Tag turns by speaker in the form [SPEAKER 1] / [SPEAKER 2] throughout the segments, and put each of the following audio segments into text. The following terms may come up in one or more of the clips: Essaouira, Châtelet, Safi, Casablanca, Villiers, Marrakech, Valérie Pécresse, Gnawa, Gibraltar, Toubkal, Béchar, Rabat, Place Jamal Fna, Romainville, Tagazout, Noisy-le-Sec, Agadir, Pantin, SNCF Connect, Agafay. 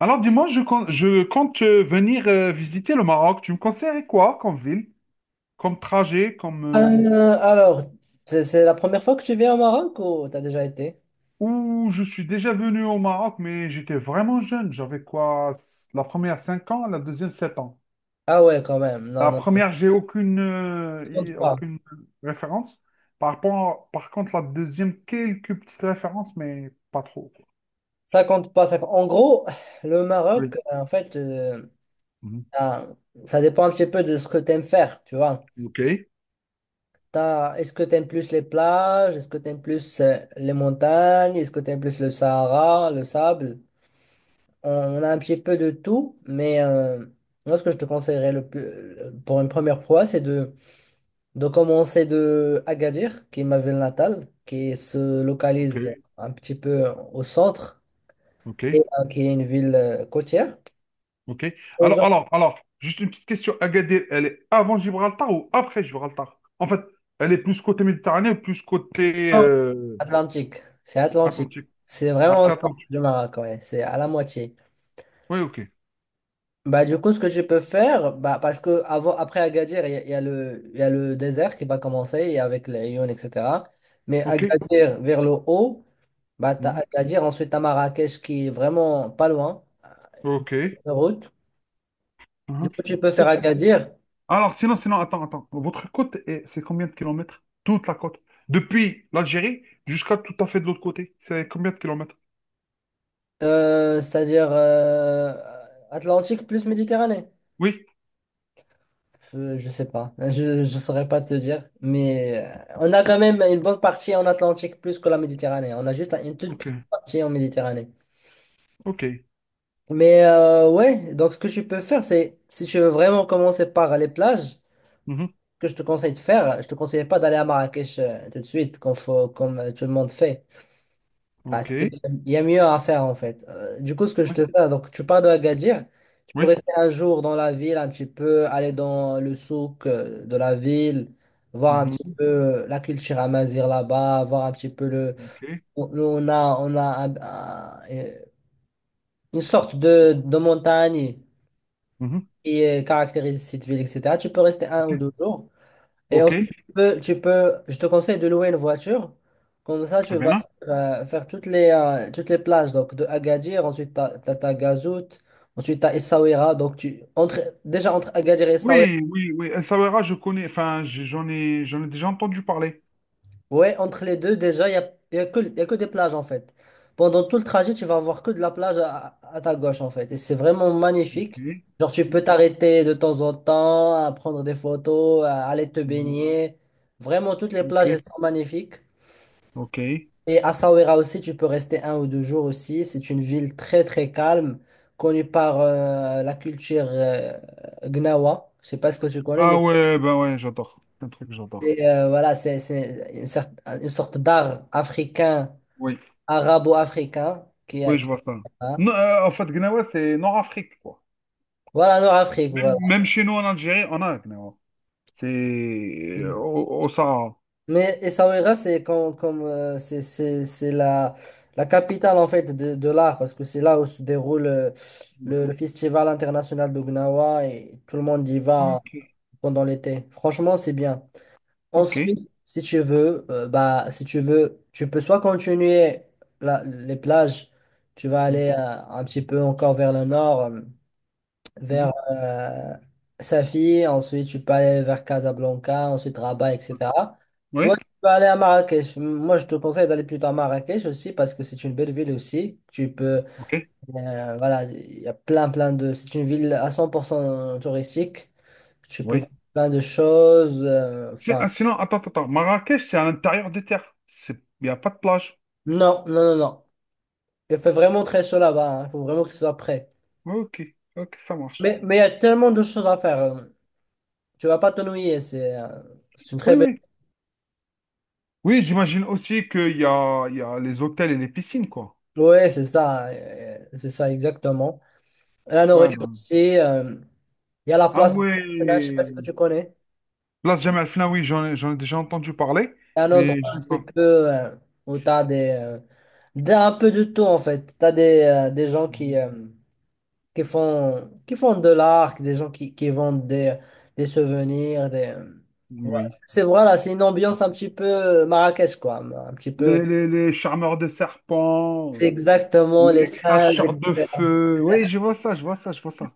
[SPEAKER 1] Alors dis-moi, je compte venir visiter le Maroc. Tu me conseillerais quoi comme ville, comme trajet, comme... euh,
[SPEAKER 2] Alors, c'est la première fois que tu viens au Maroc ou t'as déjà été?
[SPEAKER 1] où je suis déjà venu au Maroc, mais j'étais vraiment jeune. J'avais quoi? La première 5 ans, la deuxième 7 ans.
[SPEAKER 2] Ah ouais, quand même. Non,
[SPEAKER 1] La
[SPEAKER 2] non, non.
[SPEAKER 1] première, j'ai aucune,
[SPEAKER 2] Ça compte pas.
[SPEAKER 1] aucune référence. Par contre, la deuxième, quelques petites références, mais pas trop. Quoi.
[SPEAKER 2] Ça compte pas. En gros, le Maroc,
[SPEAKER 1] Oui.
[SPEAKER 2] en fait,
[SPEAKER 1] Mhm.
[SPEAKER 2] ah, ça dépend un petit peu de ce que t'aimes faire, tu vois.
[SPEAKER 1] Ok,
[SPEAKER 2] Est-ce que t'aimes plus les plages? Est-ce que t'aimes plus les montagnes? Est-ce que t'aimes plus le Sahara, le sable? On a un petit peu de tout, mais moi, ce que je te conseillerais le plus, pour une première fois, c'est de commencer de Agadir, qui est ma ville natale, qui se
[SPEAKER 1] ok,
[SPEAKER 2] localise un petit peu au centre
[SPEAKER 1] ok.
[SPEAKER 2] et qui est une ville côtière.
[SPEAKER 1] OK.
[SPEAKER 2] Et
[SPEAKER 1] Alors, juste une petite question. Agadir, elle est avant Gibraltar ou après Gibraltar? En fait, elle est plus côté Méditerranée ou plus côté
[SPEAKER 2] j'entends Atlantique, Atlantique.
[SPEAKER 1] Atlantique?
[SPEAKER 2] C'est
[SPEAKER 1] Ah,
[SPEAKER 2] vraiment au
[SPEAKER 1] c'est
[SPEAKER 2] centre
[SPEAKER 1] Atlantique.
[SPEAKER 2] du Maroc, ouais, c'est à la moitié.
[SPEAKER 1] Oui, OK.
[SPEAKER 2] Bah, du coup, ce que je peux faire, bah, parce que avant, après Agadir, il y a le désert qui va commencer et avec les Aïounes, etc. Mais
[SPEAKER 1] OK.
[SPEAKER 2] Agadir vers le haut, bah, t'as
[SPEAKER 1] Mhm.
[SPEAKER 2] Agadir, ensuite t'as Marrakech qui est vraiment pas loin,
[SPEAKER 1] OK.
[SPEAKER 2] de route. Du
[SPEAKER 1] Mhm.
[SPEAKER 2] coup, tu peux faire
[SPEAKER 1] Et si.
[SPEAKER 2] Agadir,
[SPEAKER 1] Alors, sinon, sinon, attends, attends. Votre côte, c'est combien de kilomètres? Toute la côte. Depuis l'Algérie jusqu'à tout à fait de l'autre côté. C'est combien de kilomètres?
[SPEAKER 2] c'est-à-dire Atlantique plus Méditerranée.
[SPEAKER 1] Oui.
[SPEAKER 2] Je sais pas, je ne saurais pas te dire, mais on a quand même une bonne partie en Atlantique plus que la Méditerranée. On a juste une toute petite
[SPEAKER 1] OK.
[SPEAKER 2] partie en Méditerranée.
[SPEAKER 1] OK.
[SPEAKER 2] Mais ouais, donc ce que tu peux faire, c'est si tu veux vraiment commencer par les plages, ce
[SPEAKER 1] Mhm.
[SPEAKER 2] que je te conseille de faire, je te conseille pas d'aller à Marrakech tout de suite, comme, faut, comme tout le monde fait. Parce qu'il
[SPEAKER 1] OK.
[SPEAKER 2] y a mieux à faire en fait. Du coup, ce que je
[SPEAKER 1] Oui.
[SPEAKER 2] te fais, donc tu pars de Agadir, tu peux
[SPEAKER 1] Oui.
[SPEAKER 2] rester un jour dans la ville, un petit peu, aller dans le souk de la ville, voir un petit
[SPEAKER 1] Mhm.
[SPEAKER 2] peu la culture amazigh là-bas, voir un petit peu le.
[SPEAKER 1] OK.
[SPEAKER 2] Nous, on a une sorte de montagne
[SPEAKER 1] Mhm.
[SPEAKER 2] qui caractérise cette ville, etc. Tu peux rester un ou
[SPEAKER 1] OK.
[SPEAKER 2] deux jours. Et ensuite,
[SPEAKER 1] OK.
[SPEAKER 2] je te conseille de louer une voiture. Comme ça, tu
[SPEAKER 1] Très
[SPEAKER 2] vas
[SPEAKER 1] bien.
[SPEAKER 2] faire toutes les plages. Donc, de Agadir, ensuite, tu as, Tagazout, ensuite, tu as Essaouira. Donc, entre Agadir et Essaouira,
[SPEAKER 1] Oui, oui, oui. Essaouira, je connais. Enfin, j'en ai déjà entendu parler.
[SPEAKER 2] ouais, entre les deux, déjà, y a que des plages, en fait. Pendant tout le trajet, tu vas avoir que de la plage à ta gauche, en fait. Et c'est vraiment
[SPEAKER 1] Ok.
[SPEAKER 2] magnifique. Genre, tu peux
[SPEAKER 1] Mm,
[SPEAKER 2] t'arrêter de temps en temps, à prendre des photos, à aller te
[SPEAKER 1] mm,
[SPEAKER 2] baigner. Vraiment, toutes les
[SPEAKER 1] Ok.
[SPEAKER 2] plages, elles sont magnifiques.
[SPEAKER 1] Ok.
[SPEAKER 2] Et Essaouira aussi, tu peux rester un ou deux jours aussi. C'est une ville très très calme, connue par la culture Gnawa. Je sais pas ce que tu connais,
[SPEAKER 1] Ah
[SPEAKER 2] mais
[SPEAKER 1] ouais, ben ouais, j'adore. C'est un truc que j'adore.
[SPEAKER 2] voilà, c'est une sorte d'art africain,
[SPEAKER 1] Oui,
[SPEAKER 2] arabo-africain,
[SPEAKER 1] oui, je vois ça.
[SPEAKER 2] hein.
[SPEAKER 1] Non, en fait, Gnawa, c'est Nord-Afrique, quoi.
[SPEAKER 2] Voilà, Nord-Afrique,
[SPEAKER 1] Même,
[SPEAKER 2] voilà.
[SPEAKER 1] même chez nous en Algérie, on a Gnawa. C'est au Sahara.
[SPEAKER 2] Mais Essaouira, c'est comme, comme c'est la capitale en fait de l'art parce que c'est là où se déroule
[SPEAKER 1] Oui.
[SPEAKER 2] le festival international de Gnawa et tout le monde y va
[SPEAKER 1] Ok.
[SPEAKER 2] pendant l'été. Franchement, c'est bien.
[SPEAKER 1] Ok.
[SPEAKER 2] Ensuite, si tu veux, tu peux soit continuer les plages, tu vas
[SPEAKER 1] Mm,
[SPEAKER 2] aller un petit peu encore vers le nord,
[SPEAKER 1] mhm.
[SPEAKER 2] vers Safi, ensuite tu peux aller vers Casablanca, ensuite Rabat, etc. Soit
[SPEAKER 1] Oui.
[SPEAKER 2] tu peux aller à Marrakech. Moi, je te conseille d'aller plutôt à Marrakech aussi parce que c'est une belle ville aussi. Tu peux
[SPEAKER 1] Ok.
[SPEAKER 2] voilà, il y a plein, plein de. C'est une ville à 100% touristique. Tu peux voir
[SPEAKER 1] Oui.
[SPEAKER 2] plein de choses.
[SPEAKER 1] Ah,
[SPEAKER 2] Enfin,
[SPEAKER 1] sinon, attends, attends, attends. Marrakech, c'est à l'intérieur des terres. C'est, il n'y a pas de plage.
[SPEAKER 2] non, non, non, non. Il fait vraiment très chaud là-bas, hein. Il faut vraiment que tu sois prêt.
[SPEAKER 1] Ok. Ok, ça marche.
[SPEAKER 2] Mais, il y a tellement de choses à faire. Tu vas pas t'ennuyer. C'est une très
[SPEAKER 1] Oui,
[SPEAKER 2] belle.
[SPEAKER 1] oui. Oui, j'imagine aussi qu'il y a les hôtels et les piscines, quoi.
[SPEAKER 2] Ouais, c'est ça. C'est ça, exactement. La
[SPEAKER 1] Ouais,
[SPEAKER 2] nourriture
[SPEAKER 1] ben.
[SPEAKER 2] aussi. Il y a la
[SPEAKER 1] Ah
[SPEAKER 2] place la Marina. Je sais pas
[SPEAKER 1] ouais.
[SPEAKER 2] si que tu connais.
[SPEAKER 1] Place Jamal Fna, oui, j'en ai déjà entendu parler,
[SPEAKER 2] C'est un endroit
[SPEAKER 1] mais je
[SPEAKER 2] un
[SPEAKER 1] sais
[SPEAKER 2] petit
[SPEAKER 1] pas.
[SPEAKER 2] peu euh, où tu as des, un peu de tout en fait. Tu as des gens qui,
[SPEAKER 1] Mhm.
[SPEAKER 2] qui font de l'art, des gens qui vendent des souvenirs. Des, voilà.
[SPEAKER 1] Oui.
[SPEAKER 2] C'est une ambiance un petit peu Marrakech quoi. Un petit peu.
[SPEAKER 1] Les charmeurs de serpents,
[SPEAKER 2] C'est exactement les
[SPEAKER 1] les
[SPEAKER 2] singes,
[SPEAKER 1] cracheurs de
[SPEAKER 2] etc.
[SPEAKER 1] feu. Oui, je vois ça, je vois ça, je vois ça.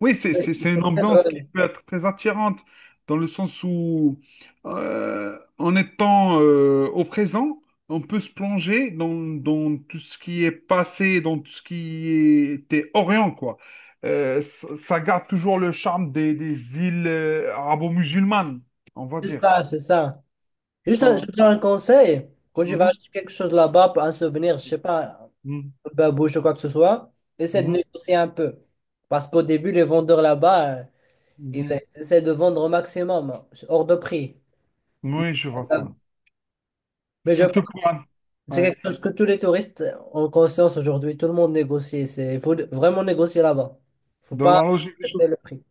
[SPEAKER 1] Oui, c'est une
[SPEAKER 2] Très
[SPEAKER 1] ambiance qui
[SPEAKER 2] drôle.
[SPEAKER 1] peut être très attirante, dans le sens où, en étant au présent, on peut se plonger dans, dans tout ce qui est passé, dans tout ce qui était Orient, quoi. Ça, ça garde toujours le charme des villes arabo-musulmanes, on va
[SPEAKER 2] C'est
[SPEAKER 1] dire.
[SPEAKER 2] ça, c'est ça. Juste, je
[SPEAKER 1] Voilà.
[SPEAKER 2] te donne un conseil. Quand tu vas
[SPEAKER 1] Mhm,
[SPEAKER 2] acheter quelque chose là-bas, un souvenir, je sais pas, babouche ou quoi que ce soit, essaie de
[SPEAKER 1] mhm,
[SPEAKER 2] négocier un peu. Parce qu'au début, les vendeurs là-bas,
[SPEAKER 1] mhm,
[SPEAKER 2] ils
[SPEAKER 1] mhm.
[SPEAKER 2] essaient de vendre au maximum, hein, hors de prix. Mais
[SPEAKER 1] Oui, je vois
[SPEAKER 2] euh,
[SPEAKER 1] ça.
[SPEAKER 2] mais je pense
[SPEAKER 1] Surtout
[SPEAKER 2] que
[SPEAKER 1] pour...
[SPEAKER 2] c'est
[SPEAKER 1] Ouais.
[SPEAKER 2] quelque chose que tous les touristes ont conscience aujourd'hui. Tout le monde négocie. Il faut vraiment négocier là-bas. Faut
[SPEAKER 1] Dans
[SPEAKER 2] pas
[SPEAKER 1] la logique des
[SPEAKER 2] accepter
[SPEAKER 1] choses.
[SPEAKER 2] le prix.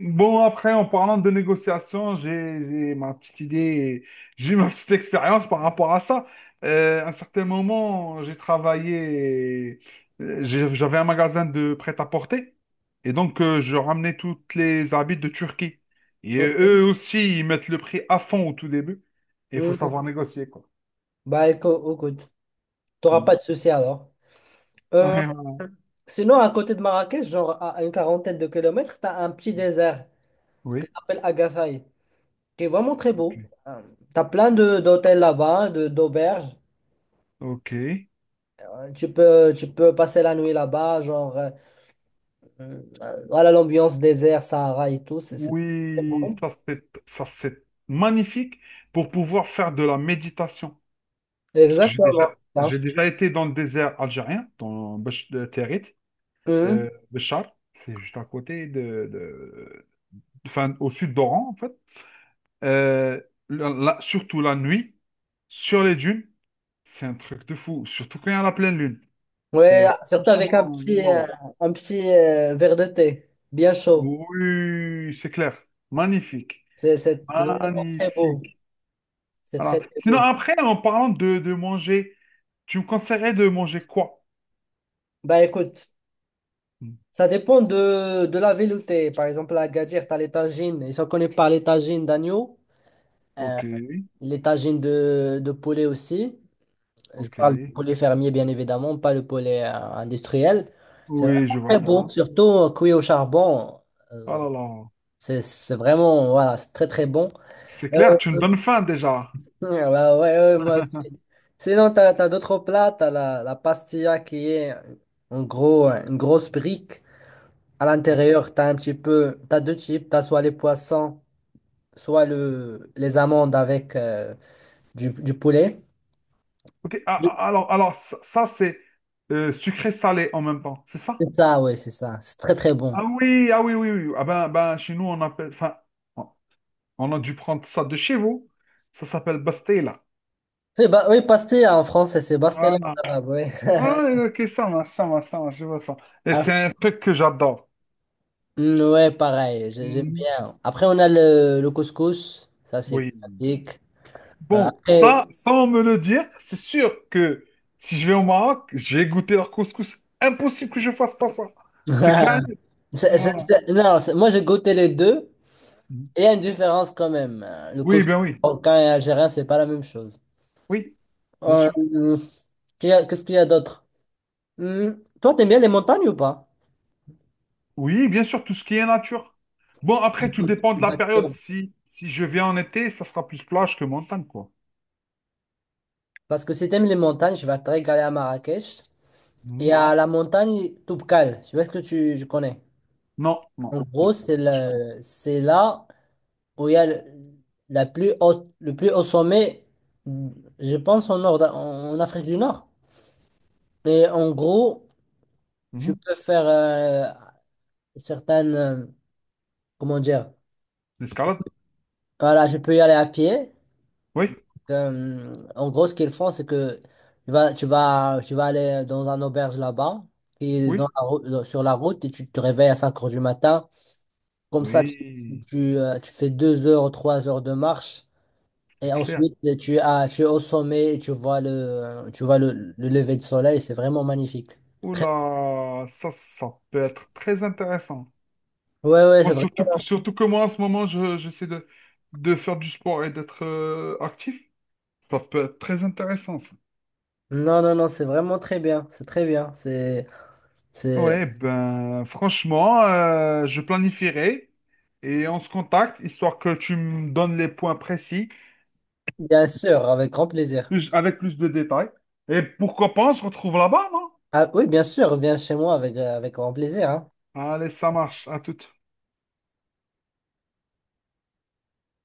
[SPEAKER 1] Bon, après, en parlant de négociation, j'ai ma petite idée, j'ai eu ma petite expérience par rapport à ça. À un certain moment, j'ai travaillé, j'avais un magasin de prêt-à-porter, et donc je ramenais toutes les habits de Turquie. Et
[SPEAKER 2] Ok.
[SPEAKER 1] eux aussi, ils mettent le prix à fond au tout début, et il faut savoir
[SPEAKER 2] Mhm.
[SPEAKER 1] négocier, quoi.
[SPEAKER 2] Bah écoute, t'auras
[SPEAKER 1] Mm.
[SPEAKER 2] pas de souci alors. Euh,
[SPEAKER 1] Ouais,
[SPEAKER 2] Sinon, à côté de Marrakech, genre à une quarantaine de kilomètres, t'as un petit désert qui
[SPEAKER 1] ouais.
[SPEAKER 2] s'appelle Agafay. C'est vraiment très beau.
[SPEAKER 1] Oui.
[SPEAKER 2] Tu as plein de d'hôtels là-bas, hein, de d'auberges.
[SPEAKER 1] Ok.
[SPEAKER 2] Tu peux passer la nuit là-bas, genre, voilà l'ambiance désert, Sahara et tout, c'est très
[SPEAKER 1] Oui,
[SPEAKER 2] bon.
[SPEAKER 1] ça c'est magnifique pour pouvoir faire de la méditation. Parce que
[SPEAKER 2] Exactement ça.
[SPEAKER 1] j'ai déjà été dans le désert algérien, dans Bach- de Territ,
[SPEAKER 2] Mhm.
[SPEAKER 1] Béchar, c'est juste à côté de, enfin, au sud d'Oran, en fait. Euh, Surtout la nuit, sur les dunes, c'est un truc de fou, surtout quand il y a la pleine lune.
[SPEAKER 2] Ouais,
[SPEAKER 1] C'est
[SPEAKER 2] surtout avec un
[SPEAKER 1] franchement,
[SPEAKER 2] petit, euh,
[SPEAKER 1] wow.
[SPEAKER 2] un petit euh, verre de thé, bien chaud.
[SPEAKER 1] Oui, c'est clair. Magnifique.
[SPEAKER 2] C'est vraiment très beau.
[SPEAKER 1] Magnifique.
[SPEAKER 2] C'est très,
[SPEAKER 1] Voilà.
[SPEAKER 2] très
[SPEAKER 1] Sinon,
[SPEAKER 2] beau.
[SPEAKER 1] après, en parlant de manger, tu me conseillerais de manger quoi?
[SPEAKER 2] Bah écoute,
[SPEAKER 1] Hmm.
[SPEAKER 2] ça dépend de la ville où t'es. Par exemple, à Agadir, t'as les tagines. Ils sont connus par les tagines d'agneau. euh,
[SPEAKER 1] Ok,
[SPEAKER 2] Les tagines de poulet aussi. Je
[SPEAKER 1] ok.
[SPEAKER 2] parle du poulet fermier, bien évidemment, pas le poulet industriel. C'est
[SPEAKER 1] Oui,
[SPEAKER 2] vraiment
[SPEAKER 1] je vois
[SPEAKER 2] très bon,
[SPEAKER 1] ça.
[SPEAKER 2] surtout cuit au charbon.
[SPEAKER 1] Oh
[SPEAKER 2] Euh,
[SPEAKER 1] là là,
[SPEAKER 2] c'est vraiment, voilà, c'est très très bon.
[SPEAKER 1] c'est clair,
[SPEAKER 2] Euh,
[SPEAKER 1] tu me donnes faim déjà.
[SPEAKER 2] ouais, bah ouais, ouais, moi aussi. Sinon, tu as, d'autres plats. Tu as la pastilla qui est en gros une grosse brique. À l'intérieur, tu as un petit peu, tu as deux types. Tu as soit les poissons, soit les amandes avec du poulet.
[SPEAKER 1] Ok, alors ça, c'est sucré-salé en même temps, c'est ça?
[SPEAKER 2] C'est ça, oui, c'est ça. C'est très, très bon.
[SPEAKER 1] Ah oui, ah oui, oui, oui. Ah ben, ben, chez nous, on appelle, enfin, on on a dû prendre ça de chez vous. Ça s'appelle pastela.
[SPEAKER 2] Oui, pastille en français, c'est pastilla
[SPEAKER 1] Voilà.
[SPEAKER 2] en arabe, oui.
[SPEAKER 1] Ah, ok, ça marche, ça marche, ça marche, je vois ça. Et
[SPEAKER 2] Ah,
[SPEAKER 1] c'est un truc que j'adore.
[SPEAKER 2] mm, ouais, pareil, j'aime
[SPEAKER 1] Mhm.
[SPEAKER 2] bien. Après, on a le couscous. Ça, c'est
[SPEAKER 1] Oui.
[SPEAKER 2] classique.
[SPEAKER 1] Bon,
[SPEAKER 2] Après,
[SPEAKER 1] ça, sans me le dire, c'est sûr que si je vais au Maroc, je vais goûter leur couscous. Impossible que je fasse pas ça. C'est clair. Voilà.
[SPEAKER 2] non, moi, j'ai goûté les deux. Et il y a une différence quand même. Le
[SPEAKER 1] Oui,
[SPEAKER 2] couscous
[SPEAKER 1] ben oui.
[SPEAKER 2] marocain et algérien, c'est pas la même chose.
[SPEAKER 1] Oui, bien
[SPEAKER 2] Euh,
[SPEAKER 1] sûr.
[SPEAKER 2] Qu'est-ce qu'il y a d'autre? Hmm, toi, t'aimes bien les montagnes ou pas?
[SPEAKER 1] Oui, bien sûr, tout ce qui est nature. Bon, après, tout
[SPEAKER 2] Écoute,
[SPEAKER 1] dépend de la période. Si, si je viens en été, ça sera plus plage que montagne, quoi.
[SPEAKER 2] Parce que si t'aimes les montagnes, je vais te régaler à Marrakech. Il y
[SPEAKER 1] Mhm.
[SPEAKER 2] a la montagne Toubkal. Je sais pas ce que je connais.
[SPEAKER 1] Non, non,
[SPEAKER 2] En gros,
[SPEAKER 1] non. Ah, je comprends.
[SPEAKER 2] c'est là où il y a le plus haut sommet, je pense, en Afrique du Nord. Et en gros, tu
[SPEAKER 1] Mhm.
[SPEAKER 2] peux faire certaines. Comment dire?
[SPEAKER 1] L'escalade?
[SPEAKER 2] Voilà, je peux y aller à pied.
[SPEAKER 1] Oui,
[SPEAKER 2] En gros, ce qu'ils font, c'est que tu vas aller dans un auberge là-bas, qui est dans
[SPEAKER 1] oui,
[SPEAKER 2] la rou- dans- sur la route, et tu te réveilles à 5 heures du matin. Comme ça, tu,
[SPEAKER 1] oui,
[SPEAKER 2] tu, euh, tu fais 2 heures, 3 heures de marche.
[SPEAKER 1] c'est
[SPEAKER 2] Et
[SPEAKER 1] clair.
[SPEAKER 2] ensuite, tu es au sommet et tu vois le lever de soleil. C'est vraiment magnifique. Très-
[SPEAKER 1] Oula, ça peut être très intéressant.
[SPEAKER 2] Ouais, ouais, c'est
[SPEAKER 1] Moi,
[SPEAKER 2] vrai.
[SPEAKER 1] surtout que moi, en ce moment, j'essaie de faire du sport et d'être actif. Ça peut être très intéressant, ça.
[SPEAKER 2] Non, non, non, c'est vraiment très bien. C'est très bien. C'est.
[SPEAKER 1] Ouais, ben, franchement, je planifierai et on se contacte, histoire que tu me donnes les points précis,
[SPEAKER 2] Bien sûr, avec grand plaisir.
[SPEAKER 1] plus, avec plus de détails. Et pourquoi pas, on se retrouve là-bas, non?
[SPEAKER 2] Ah oui, bien sûr, viens chez moi avec grand plaisir, hein.
[SPEAKER 1] Allez, ça marche, à tout.